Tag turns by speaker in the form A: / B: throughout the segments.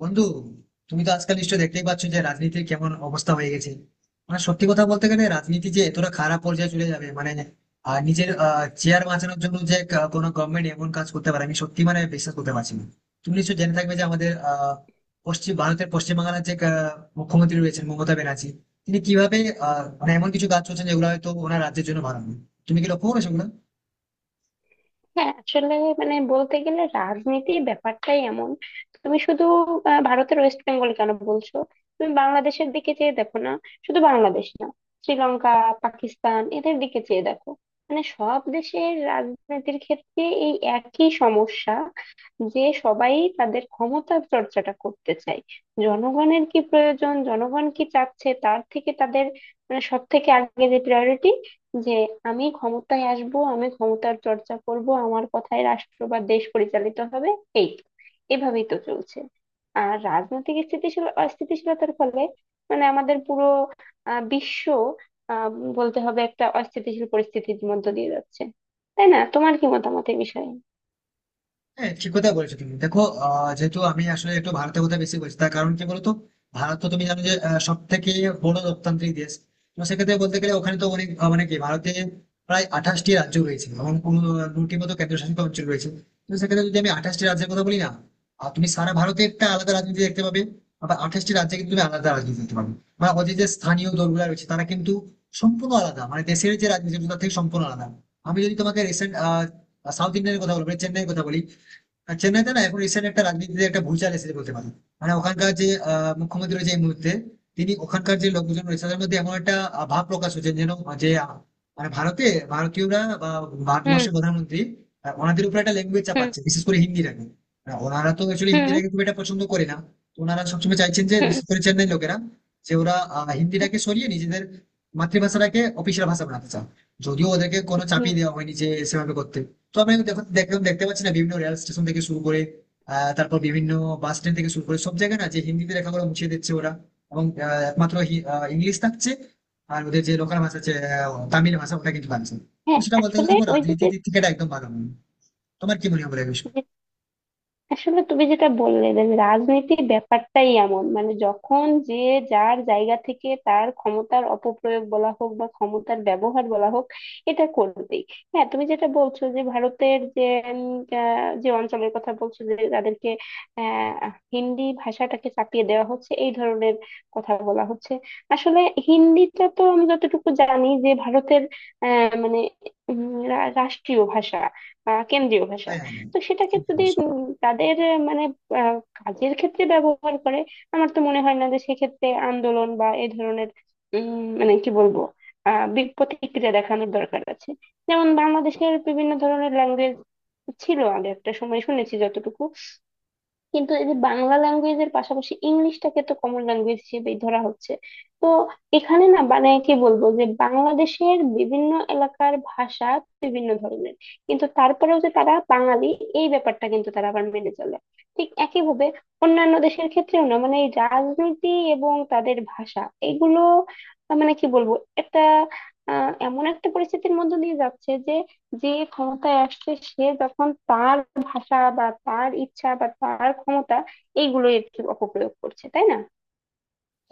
A: বন্ধু, তুমি তো আজকাল নিশ্চয় দেখতেই পাচ্ছ যে রাজনীতির কেমন অবস্থা হয়ে গেছে। মানে, সত্যি কথা বলতে গেলে রাজনীতি যে এতটা খারাপ পর্যায়ে চলে যাবে, মানে নিজের চেয়ার বাঁচানোর জন্য যে কোনো গভর্নমেন্ট এমন কাজ করতে পারে, আমি সত্যি মানে বিশ্বাস করতে পারছি না। তুমি নিশ্চয় জেনে থাকবে যে আমাদের পশ্চিম ভারতের, পশ্চিম বাংলার যে মুখ্যমন্ত্রী রয়েছেন, মমতা ব্যানার্জি, তিনি কিভাবে মানে এমন কিছু কাজ করছেন যেগুলো হয়তো ওনার রাজ্যের জন্য ভালো নয়। তুমি কি লক্ষ্য করেছো ওগুলো?
B: হ্যাঁ, আসলে মানে বলতে গেলে রাজনীতির ব্যাপারটাই এমন। তুমি শুধু ভারতের ওয়েস্ট বেঙ্গল কেন বলছো? তুমি বাংলাদেশের দিকে চেয়ে দেখো না। শুধু বাংলাদেশ না, শ্রীলঙ্কা, পাকিস্তান, এদের দিকে চেয়ে দেখো। মানে সব দেশের রাজনীতির ক্ষেত্রে এই একই সমস্যা, যে সবাই তাদের ক্ষমতা চর্চাটা করতে চায়। জনগণের কি প্রয়োজন, জনগণ কি চাচ্ছে, তার থেকে তাদের মানে সব থেকে আগে যে প্রায়োরিটি, যে আমি ক্ষমতায় আসব, আমি ক্ষমতার চর্চা করব, আমার কথায় রাষ্ট্র বা দেশ পরিচালিত হবে। এই তো। এভাবেই তো চলছে। আর রাজনৈতিক স্থিতিশীল অস্থিতিশীলতার ফলে মানে আমাদের পুরো বিশ্ব আহ, বলতে হবে একটা অস্থিতিশীল পরিস্থিতির মধ্য দিয়ে যাচ্ছে। তাই না? তোমার কি মতামত এই বিষয়ে?
A: হ্যাঁ, ঠিক কথা বলেছো তুমি। দেখো, যেহেতু আমি আসলে একটু ভারতের কথা বেশি বলছি, তার কারণ কি বলতো। ভারত তো তুমি জানো যে সব থেকে বড় লোকতান্ত্রিক দেশ। তো সেক্ষেত্রে বলতে গেলে ওখানে তো অনেক মানে কি, ভারতে প্রায় 28টি রাজ্য রয়েছে এবং দুটি মতো কেন্দ্রশাসিত অঞ্চল রয়েছে। তো সেক্ষেত্রে যদি আমি 28টি রাজ্যের কথা বলি না, আর তুমি সারা ভারতে একটা আলাদা রাজনীতি দেখতে পাবে, আবার 28টি রাজ্যে কিন্তু তুমি আলাদা রাজনীতি দেখতে পাবে। মানে ওদের যে স্থানীয় দলগুলো রয়েছে তারা কিন্তু সম্পূর্ণ আলাদা, মানে দেশের যে রাজনীতি তার থেকে সম্পূর্ণ আলাদা। আমি যদি তোমাকে রিসেন্ট সাউথ ইন্ডিয়ানের কথা বলবো, মানে চেন্নাইয়ের কথা বলি, আর চেন্নাইতে না এখন রিসেন্ট একটা রাজনীতিতে একটা ভূচাল এসেছে বলতে পারি। মানে ওখানকার যে মুখ্যমন্ত্রী রয়েছে এই মুহূর্তে, তিনি ওখানকার যে লোকজন রয়েছে তাদের মধ্যে এমন একটা ভাব প্রকাশ হচ্ছে যেন, যে মানে ভারতে, ভারতীয়রা বা
B: হুম।
A: ভারতবর্ষের প্রধানমন্ত্রী ওনাদের উপর একটা ল্যাঙ্গুয়েজ
B: হুম।
A: চাপাচ্ছে, বিশেষ করে হিন্দিটাকে। আর ওনারা তো অ্যাকচুয়ালি
B: হুম। হুম।
A: হিন্দিটাকে খুব একটা পছন্দ করে না। তো ওনারা সবসময় চাইছেন যে,
B: হুম।
A: বিশেষ করে চেন্নাই লোকেরা, যে ওরা
B: হুম।
A: হিন্দিটাকে সরিয়ে নিজেদের মাতৃভাষাটাকে অফিসিয়াল ভাষা বানাতে চান। যদিও ওদেরকে কোনো চাপিয়ে
B: হুম।
A: দেওয়া হয়নি যে সেভাবে করতে। তো আপনি দেখুন, দেখুন দেখতে পাচ্ছি না বিভিন্ন রেল স্টেশন থেকে শুরু করে তারপর বিভিন্ন বাস স্ট্যান্ড থেকে শুরু করে সব জায়গায় না যে হিন্দিতে লেখাগুলো মুছিয়ে দিচ্ছে ওরা, এবং একমাত্র ইংলিশ থাকছে, আর ওদের যে লোকাল ভাষা আছে তামিল ভাষা, ওটা কিন্তু থাকছে। তো
B: হ্যাঁ,
A: সেটা বলতে গেলে
B: আসলে
A: দেখো
B: ওই যে
A: রাজনীতির
B: যে
A: দিক থেকে এটা একদম ভালো নয়। তোমার কি মনে হয় বলে বিষয়?
B: আসলে তুমি যেটা বললে যে রাজনীতির ব্যাপারটাই এমন, মানে যখন যে যার জায়গা থেকে তার ক্ষমতার অপপ্রয়োগ বলা হোক বা ক্ষমতার ব্যবহার বলা হোক, এটা করবেই। হ্যাঁ, তুমি যেটা বলছো যে ভারতের যে উম, যে অঞ্চলের কথা বলছো যে তাদেরকে আহ হিন্দি ভাষাটাকে চাপিয়ে দেওয়া হচ্ছে, এই ধরনের কথা বলা হচ্ছে। আসলে হিন্দিটা তো আমি যতটুকু জানি যে ভারতের মানে রাষ্ট্রীয় ভাষা, কেন্দ্রীয় ভাষা।
A: হ্যাঁ, হ্যাঁ, হ্যাঁ।
B: তো সেটাকে
A: ঠিক
B: যদি
A: বলেছো।
B: তাদের মানে কাজের ক্ষেত্রে ব্যবহার করে, আমার তো মনে হয় না যে সেক্ষেত্রে আন্দোলন বা এ ধরনের উম মানে কি বলবো, প্রতিক্রিয়া দেখানোর দরকার আছে। যেমন বাংলাদেশের বিভিন্ন ধরনের ল্যাঙ্গুয়েজ ছিল আগে একটা সময়, শুনেছি যতটুকু। কিন্তু এই যে বাংলা ল্যাঙ্গুয়েজের পাশাপাশি ইংলিশটাকে তো কমন ল্যাঙ্গুয়েজ হিসেবেই ধরা হচ্ছে। তো এখানে না, মানে কি বলবো, যে বাংলাদেশের বিভিন্ন এলাকার ভাষা বিভিন্ন ধরনের, কিন্তু তারপরেও যে তারা বাঙালি এই ব্যাপারটা কিন্তু তারা আবার মেনে চলে। ঠিক একইভাবে অন্যান্য দেশের ক্ষেত্রেও না, মানে এই রাজনীতি এবং তাদের ভাষা এগুলো মানে কি বলবো, একটা এমন একটা পরিস্থিতির মধ্যে দিয়ে যাচ্ছে, যে যে ক্ষমতায় আসছে সে যখন তার ভাষা বা তার ইচ্ছা বা তার ক্ষমতা এইগুলো একটু অপপ্রয়োগ করছে, তাই না?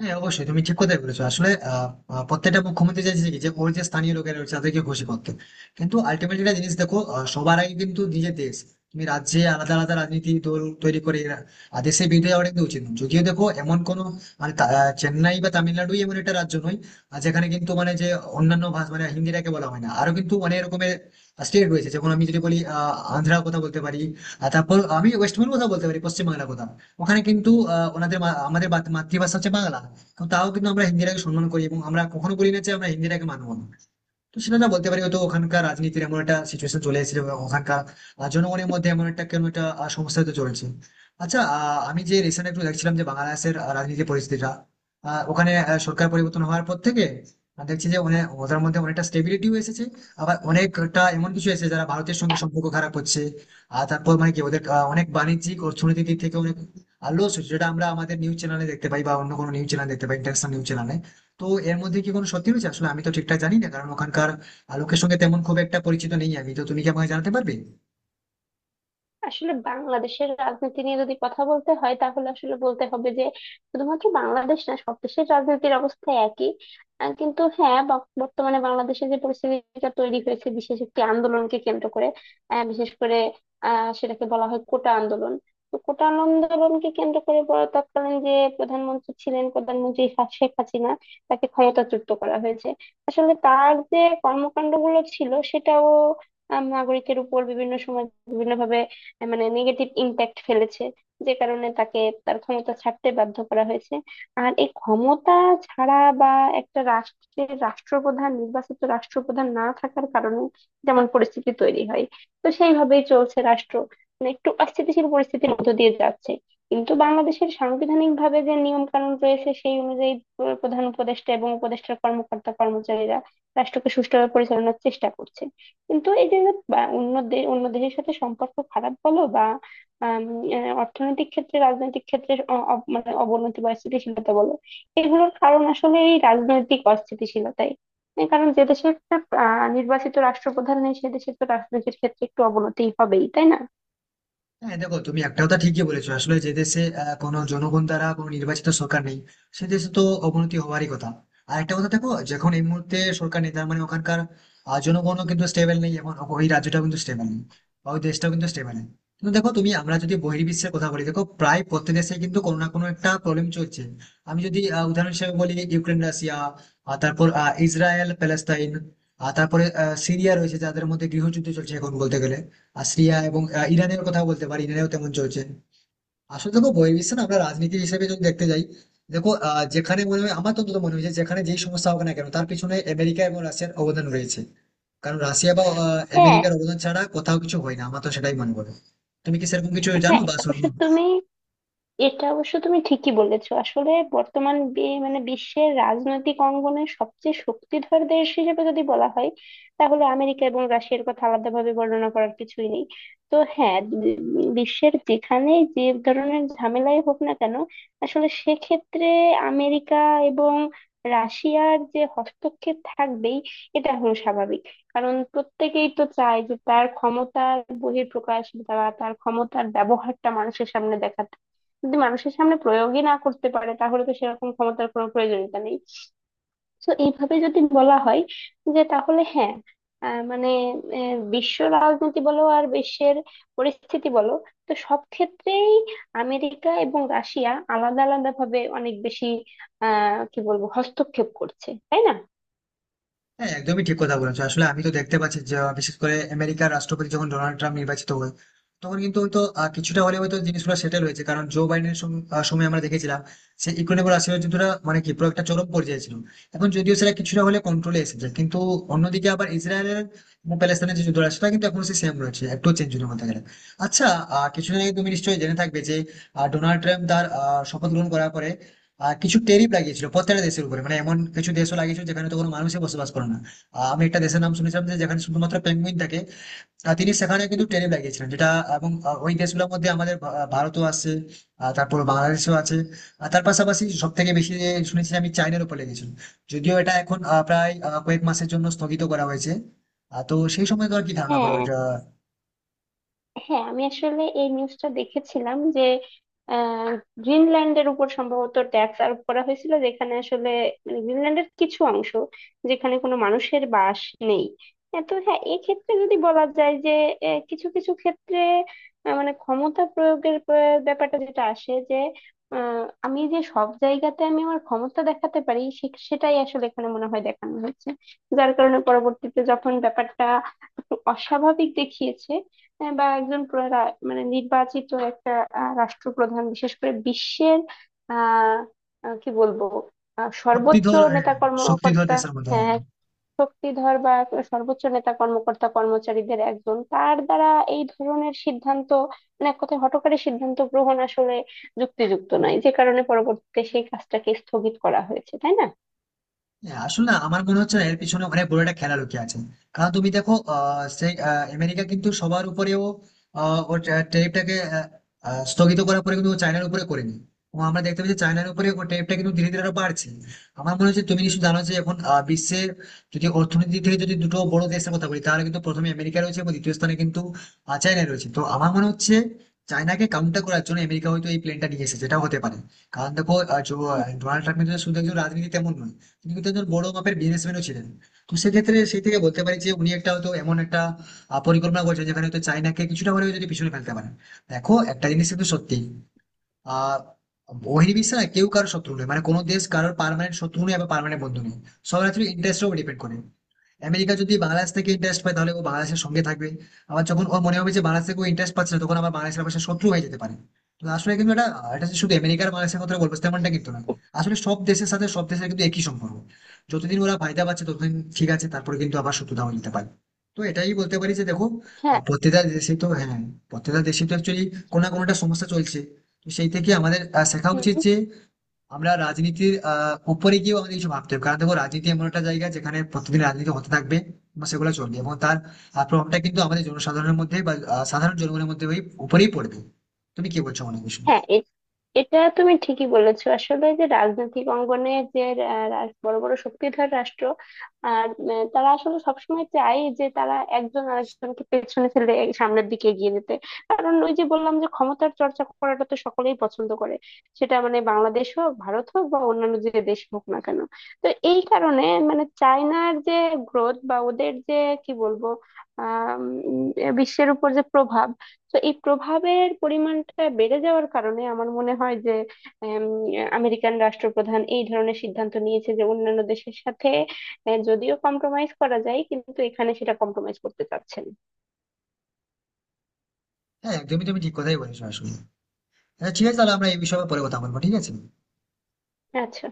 A: হ্যাঁ, অবশ্যই তুমি ঠিক কথাই বলেছো। আসলে আহ, আহ, প্রত্যেকটা মুখ্যমন্ত্রী চাইছে কি যে ওর যে স্থানীয় লোকেরা রয়েছে তাদেরকে খুশি করতে। কিন্তু আলটিমেটলি একটা জিনিস দেখো, সবার আগে কিন্তু নিজের দেশ। তুমি রাজ্যে আলাদা আলাদা রাজনীতি দল তৈরি করে আর দেশের বিরুদ্ধে যাওয়া কিন্তু উচিত নয়। যদিও দেখো এমন কোনো, মানে চেন্নাই বা তামিলনাড়ুই এমন একটা রাজ্য নয় আর, যেখানে কিন্তু মানে যে অন্যান্য ভাষা মানে হিন্দিটাকে বলা হয় না। আরো কিন্তু অনেক রকমের স্টেট রয়েছে, যেমন আমি যদি বলি আন্ধ্রার কথা বলতে পারি, আর তারপর আমি ওয়েস্ট বেঙ্গল কথা বলতে পারি, পশ্চিমবাংলার কথা। ওখানে কিন্তু ওনাদের আমাদের মাতৃভাষা হচ্ছে বাংলা। কিন্তু তাও কিন্তু আমরা হিন্দিটাকে সম্মান করি এবং আমরা কখনো বলি না যে আমরা হিন্দিটাকে মানবো না। তো সেটা না বলতে পারি হয়তো ওখানকার রাজনীতির এমন একটা সিচুয়েশন চলে এসেছে, বা ওখানকার জনগণের মধ্যে এমন একটা কেন একটা সমস্যা তো চলছে। আচ্ছা, আমি যে রিসেন্ট একটু দেখছিলাম যে বাংলাদেশের রাজনীতির পরিস্থিতিটা, ওখানে সরকার পরিবর্তন হওয়ার পর থেকে আমি দেখছি যে অনেক ওদের মধ্যে অনেকটা স্টেবিলিটিও এসেছে, আবার অনেকটা এমন কিছু এসেছে যারা ভারতের সঙ্গে সম্পর্ক খারাপ করছে। আর তারপর মানে কি ওদের অনেক বাণিজ্যিক অর্থনৈতিক দিক থেকে অনেক লস হচ্ছে, যেটা আমরা আমাদের নিউজ চ্যানেলে দেখতে পাই বা অন্য কোনো নিউজ চ্যানেল দেখতে পাই, ইন্টারন্যাশনাল নিউজ চ্যানেলে। তো এর মধ্যে কি কোনো সত্যি রয়েছে? আসলে আমি তো ঠিকঠাক জানি না কারণ ওখানকার লোকের সঙ্গে তেমন খুব একটা পরিচিত নেই আমি তো। তুমি কি আমাকে জানাতে পারবে?
B: আসলে বাংলাদেশের রাজনীতি নিয়ে যদি কথা বলতে হয় তাহলে আসলে বলতে হবে যে শুধুমাত্র বাংলাদেশ না, সব দেশের রাজনীতির অবস্থা একই। কিন্তু হ্যাঁ, বর্তমানে বাংলাদেশে যে পরিস্থিতিটা তৈরি হয়েছে বিশেষ একটি আন্দোলনকে কেন্দ্র করে, বিশেষ করে সেটাকে বলা হয় কোটা আন্দোলন। তো কোটা আন্দোলনকে কেন্দ্র করে বড় তৎকালীন যে প্রধানমন্ত্রী ছিলেন, প্রধানমন্ত্রী শেখ হাসিনা, তাকে ক্ষমতাচ্যুত করা হয়েছে। আসলে তার যে কর্মকাণ্ডগুলো ছিল সেটাও নাগরিকের উপর বিভিন্ন সময় বিভিন্ন ভাবে মানে নেগেটিভ ইম্প্যাক্ট ফেলেছে, যে কারণে তাকে তার ক্ষমতা ছাড়তে বাধ্য করা হয়েছে। আর এই ক্ষমতা ছাড়া বা একটা রাষ্ট্রের রাষ্ট্রপ্রধান, নির্বাচিত রাষ্ট্রপ্রধান না থাকার কারণে যেমন পরিস্থিতি তৈরি হয়, তো সেইভাবেই চলছে রাষ্ট্র, মানে একটু অস্থিতিশীল পরিস্থিতির মধ্য দিয়ে যাচ্ছে। কিন্তু বাংলাদেশের সাংবিধানিক ভাবে যে নিয়ম কানুন রয়েছে সেই অনুযায়ী প্রধান উপদেষ্টা এবং উপদেষ্টার কর্মকর্তা কর্মচারীরা রাষ্ট্রকে সুষ্ঠুভাবে পরিচালনার চেষ্টা করছে। কিন্তু এই যে যে বা অন্য দেশের সাথে সম্পর্ক খারাপ বলো বা আম, অর্থনৈতিক ক্ষেত্রে রাজনৈতিক ক্ষেত্রে মানে অবনতি বা স্থিতিশীলতা বলো, এগুলোর কারণ আসলে এই রাজনৈতিক অস্থিতিশীলতাই। এই কারণ যে দেশে একটা নির্বাচিত রাষ্ট্রপ্রধান নেই, সে দেশে তো রাজনীতির ক্ষেত্রে একটু অবনতি হবেই, তাই না?
A: হ্যাঁ, দেখো তুমি একটা কথা ঠিকই বলেছো। আসলে যে দেশে কোনো জনগণ দ্বারা কোনো নির্বাচিত সরকার নেই, সে দেশে তো অবনতি হওয়ারই কথা। আর একটা কথা দেখো, যখন এই মুহূর্তে সরকার নেই, তার মানে ওখানকার জনগণও কিন্তু স্টেবল নেই, এবং ওই রাজ্যটাও কিন্তু স্টেবল নেই, বা ওই দেশটাও কিন্তু স্টেবল নেই। কিন্তু দেখো তুমি, আমরা যদি বহির্বিশ্বের কথা বলি, দেখো প্রায় প্রত্যেক দেশে কিন্তু কোনো না কোনো একটা প্রবলেম চলছে। আমি যদি উদাহরণ হিসেবে বলি, ইউক্রেন রাশিয়া, তারপর ইসরায়েল প্যালেস্তাইন, আর তারপরে সিরিয়া রয়েছে যাদের মধ্যে গৃহযুদ্ধ চলছে এখন বলতে গেলে। আর সিরিয়া এবং ইরানের কথা বলতে পারি, ইরানেও তেমন চলছে। আসলে দেখো বহির্বিশ্বে না, আমরা রাজনীতি হিসেবে যদি দেখতে যাই, দেখো যেখানে মনে হয়, আমার তো অন্তত মনে হয়েছে যেখানে যেই সমস্যা হোক না কেন তার পিছনে আমেরিকা এবং রাশিয়ার অবদান রয়েছে। কারণ রাশিয়া বা
B: হ্যাঁ,
A: আমেরিকার অবদান ছাড়া কোথাও কিছু হয় না, আমার তো সেটাই মনে করে। তুমি কি সেরকম কিছু জানো
B: হ্যাঁ।
A: বা
B: এটা অবশ্য
A: সেরকম?
B: তুমি এটা অবশ্য তুমি ঠিকই বলেছো। আসলে বর্তমান মানে বিশ্বের রাজনৈতিক অঙ্গনে সবচেয়ে শক্তিধর দেশ হিসেবে যদি বলা হয়, তাহলে আমেরিকা এবং রাশিয়ার কথা আলাদাভাবে বর্ণনা করার কিছুই নেই। তো হ্যাঁ, বিশ্বের যেখানে যে ধরনের ঝামেলাই হোক না কেন, আসলে সেক্ষেত্রে আমেরিকা এবং রাশিয়ার যে হস্তক্ষেপ থাকবেই, এটা হলো স্বাভাবিক। কারণ প্রত্যেকেই তো চায় যে তার ক্ষমতার বহিঃপ্রকাশ বা তার ক্ষমতার ব্যবহারটা মানুষের সামনে দেখাতে। যদি মানুষের সামনে প্রয়োগই না করতে পারে তাহলে তো সেরকম ক্ষমতার কোনো প্রয়োজনীয়তা নেই। তো এইভাবে যদি বলা হয়, যে তাহলে হ্যাঁ, মানে বিশ্ব রাজনীতি বলো আর বিশ্বের পরিস্থিতি বলো, তো সব ক্ষেত্রেই আমেরিকা এবং রাশিয়া আলাদা আলাদা ভাবে অনেক বেশি কি বলবো, হস্তক্ষেপ করছে, তাই না?
A: হ্যাঁ, একদমই ঠিক কথা বলেছো। আসলে আমি তো দেখতে পাচ্ছি যে বিশেষ করে আমেরিকার রাষ্ট্রপতি যখন ডোনাল্ড ট্রাম্প নির্বাচিত হয়, তখন কিন্তু হয়তো কিছুটা হলে হয়তো জিনিসগুলো সেটেল হয়েছে। কারণ জো বাইডেনের সময় আমরা দেখেছিলাম সে ইকোনমিক রাশিয়ার যুদ্ধটা মানে কি পুরো একটা চরম পর্যায়ে ছিল। এখন যদিও সেটা কিছুটা হলে কন্ট্রোলে এসেছে, কিন্তু অন্যদিকে আবার ইসরায়েলের এবং প্যালেস্তাইনের যে যুদ্ধটা, সেটা কিন্তু এখন সেম রয়েছে, একটু চেঞ্জ হয়নি বলতে গেলে। আচ্ছা, কিছুদিন আগে তুমি নিশ্চয়ই জেনে থাকবে যে ডোনাল্ড ট্রাম্প তার শপথ গ্রহণ করার পরে কিছু ট্যারিফ লাগিয়েছিল প্রত্যেকটা দেশের উপরে, মানে এমন কিছু দেশও লাগিয়েছিল যেখানে তো কোনো মানুষই বসবাস করে না। আমি একটা দেশের নাম শুনেছিলাম যে যেখানে শুধুমাত্র পেঙ্গুইন থাকে, তিনি সেখানে কিন্তু ট্যারিফ লাগিয়েছিলেন যেটা। এবং ওই দেশগুলোর মধ্যে আমাদের ভারতও আছে, তারপর বাংলাদেশও আছে, আর তার পাশাপাশি সব থেকে বেশি যে শুনেছি আমি চায়নার উপর লেগেছিল। যদিও এটা এখন প্রায় কয়েক মাসের জন্য স্থগিত করা হয়েছে। তো সেই সময় তোমার কি ধারণা বলো
B: হ্যাঁ,
A: এটা?
B: হ্যাঁ। আমি আসলে এই নিউজটা দেখেছিলাম যে আহ, গ্রিনল্যান্ডের উপর সম্ভবত ট্যাক্স আরোপ করা হয়েছিল, যেখানে আসলে মানে গ্রিনল্যান্ডের কিছু অংশ যেখানে কোনো মানুষের বাস নেই। হ্যাঁ, তো হ্যাঁ, এক্ষেত্রে যদি বলা যায় যে কিছু কিছু ক্ষেত্রে মানে ক্ষমতা প্রয়োগের ব্যাপারটা যেটা আসে যে আমি যে সব জায়গাতে আমি আমার ক্ষমতা দেখাতে পারি, সেটাই আসলে এখানে মনে হয় দেখানো হয়েছে, যার কারণে পরবর্তীতে যখন ব্যাপারটা একটু অস্বাভাবিক দেখিয়েছে, বা একজন মানে নির্বাচিত একটা রাষ্ট্রপ্রধান, বিশেষ করে বিশ্বের আহ আহ, কি বলবো, সর্বোচ্চ
A: শক্তিধর, হ্যাঁ,
B: নেতা
A: শক্তিধর
B: কর্মকর্তা,
A: দেশের মধ্যে,
B: হ্যাঁ,
A: হ্যাঁ।
B: এক শক্তিধর বা এক সর্বোচ্চ নেতা কর্মকর্তা কর্মচারীদের একজন, তার দ্বারা এই ধরনের সিদ্ধান্ত মানে এক কথায় হঠকারী সিদ্ধান্ত গ্রহণ আসলে যুক্তিযুক্ত নয়, যে কারণে পরবর্তীতে সেই কাজটাকে স্থগিত করা হয়েছে, তাই না?
A: হ্যাঁ, আসলে না, আমার মনে হচ্ছে না এর পিছনে অনেক বড় একটা খেলা লুকিয়ে আছে। কারণ তুমি দেখো সেই আমেরিকা কিন্তু সবার উপরেও ওর ট্যারিফটাকে স্থগিত করার পরে কিন্তু ও চায়নার উপরে করেনি। এবং আমরা দেখতে পাচ্ছি চায়নার উপরে ও ট্যারিফটা কিন্তু ধীরে ধীরে আরো বাড়ছে। আমার মনে হচ্ছে তুমি নিশ্চয়ই জানো যে এখন বিশ্বের যদি অর্থনীতি থেকে যদি দুটো বড় দেশের কথা বলি, তাহলে কিন্তু প্রথমে আমেরিকা রয়েছে এবং দ্বিতীয় স্থানে কিন্তু চায়না রয়েছে। তো আমার মনে হচ্ছে চায়নাকে কাউন্টার করার জন্য আমেরিকা হয়তো এই প্লেনটা নিয়ে এসেছে, যেটা হতে পারে। কারণ দেখো ডোনাল্ড ট্রাম্প কিন্তু শুধু একজন রাজনীতি তেমন নয়, তিনি কিন্তু একজন বড় মাপের বিজনেসম্যানও ছিলেন। তো সেক্ষেত্রে সেই থেকে বলতে পারি যে উনি একটা হয়তো এমন একটা পরিকল্পনা করছেন যেখানে হয়তো চাইনাকে কিছুটা হলেও যদি পিছনে ফেলতে পারেন। দেখো একটা জিনিস কিন্তু সত্যি, আহ বহির্বিশ্বে না কেউ কারোর শত্রু নয়, মানে কোনো দেশ কারোর পার্মানেন্ট শত্রু নয় আবার পার্মানেন্ট বন্ধু নয়। সবার আসলে ইন্টারেস্টের উপর ডিপেন্ড করে। আমেরিকা যদি বাংলাদেশ থেকে ইন্টারেস্ট পায় তাহলে ও বাংলাদেশের সঙ্গে থাকবে, আবার যখন ও মনে হবে যে বাংলাদেশ থেকে ইন্টারেস্ট পাচ্ছে না, তখন আবার বাংলাদেশের পাশে শত্রু হয়ে যেতে পারে। তো আসলে কিন্তু এটা, এটা যে শুধু আমেরিকার বাংলাদেশের কথা বলবো তেমনটা কিন্তু না। আসলে সব দেশের সাথে সব দেশের কিন্তু একই সম্পর্ক। যতদিন ওরা ফায়দা পাচ্ছে ততদিন ঠিক আছে, তারপরে কিন্তু আবার শত্রুতা হয়ে যেতে পারে। তো এটাই বলতে পারি যে দেখো
B: হ্যাঁ,
A: প্রত্যেকটা দেশে তো, হ্যাঁ, প্রত্যেকটা দেশে তো অ্যাকচুয়ালি কোনো না কোনোটা সমস্যা চলছে। তো সেই থেকে আমাদের শেখা উচিত যে আমরা রাজনীতির উপরে গিয়েও আমাদের কিছু ভাবতে হবে। কারণ দেখো রাজনীতি এমন একটা জায়গা যেখানে প্রতিদিন রাজনীতি হতে থাকবে এবং সেগুলো চলবে, এবং তার প্রভাবটা কিন্তু আমাদের জনসাধারণের মধ্যে বা সাধারণ জনগণের মধ্যে ওই উপরেই পড়বে। তুমি কি বলছো মনে বিষয়ে?
B: হ্যাঁ। এটা তুমি ঠিকই বলেছো আসলে, যে রাজনৈতিক অঙ্গনে যে বড় বড় শক্তিধর রাষ্ট্র, আর তারা আসলে সবসময় চায় যে তারা একজন আরেকজনকে পেছনে ফেলে এই সামনের দিকে এগিয়ে যেতে। কারণ ওই যে বললাম যে ক্ষমতার চর্চা করাটা তো সকলেই পছন্দ করে, সেটা মানে বাংলাদেশ হোক, ভারত হোক বা অন্যান্য যে দেশ হোক না কেন। তো এই কারণে মানে চায়নার যে গ্রোথ বা ওদের যে কি বলবো, আহ বিশ্বের উপর যে প্রভাব, তো এই প্রভাবের পরিমাণটা বেড়ে যাওয়ার কারণে আমার মনে হয় যে উম, আমেরিকান রাষ্ট্রপ্রধান এই ধরনের সিদ্ধান্ত নিয়েছে যে অন্যান্য দেশের সাথে যদিও কম্প্রোমাইজ করা যায় কিন্তু এখানে সেটা কম্প্রোমাইজ করতে চাচ্ছেন।
A: হ্যাঁ, একদমই তুমি ঠিক কথাই বলেছো আসলে। আচ্ছা, ঠিক আছে, তাহলে আমরা এই বিষয়ে পরে কথা বলবো, ঠিক আছে।
B: আচ্ছা।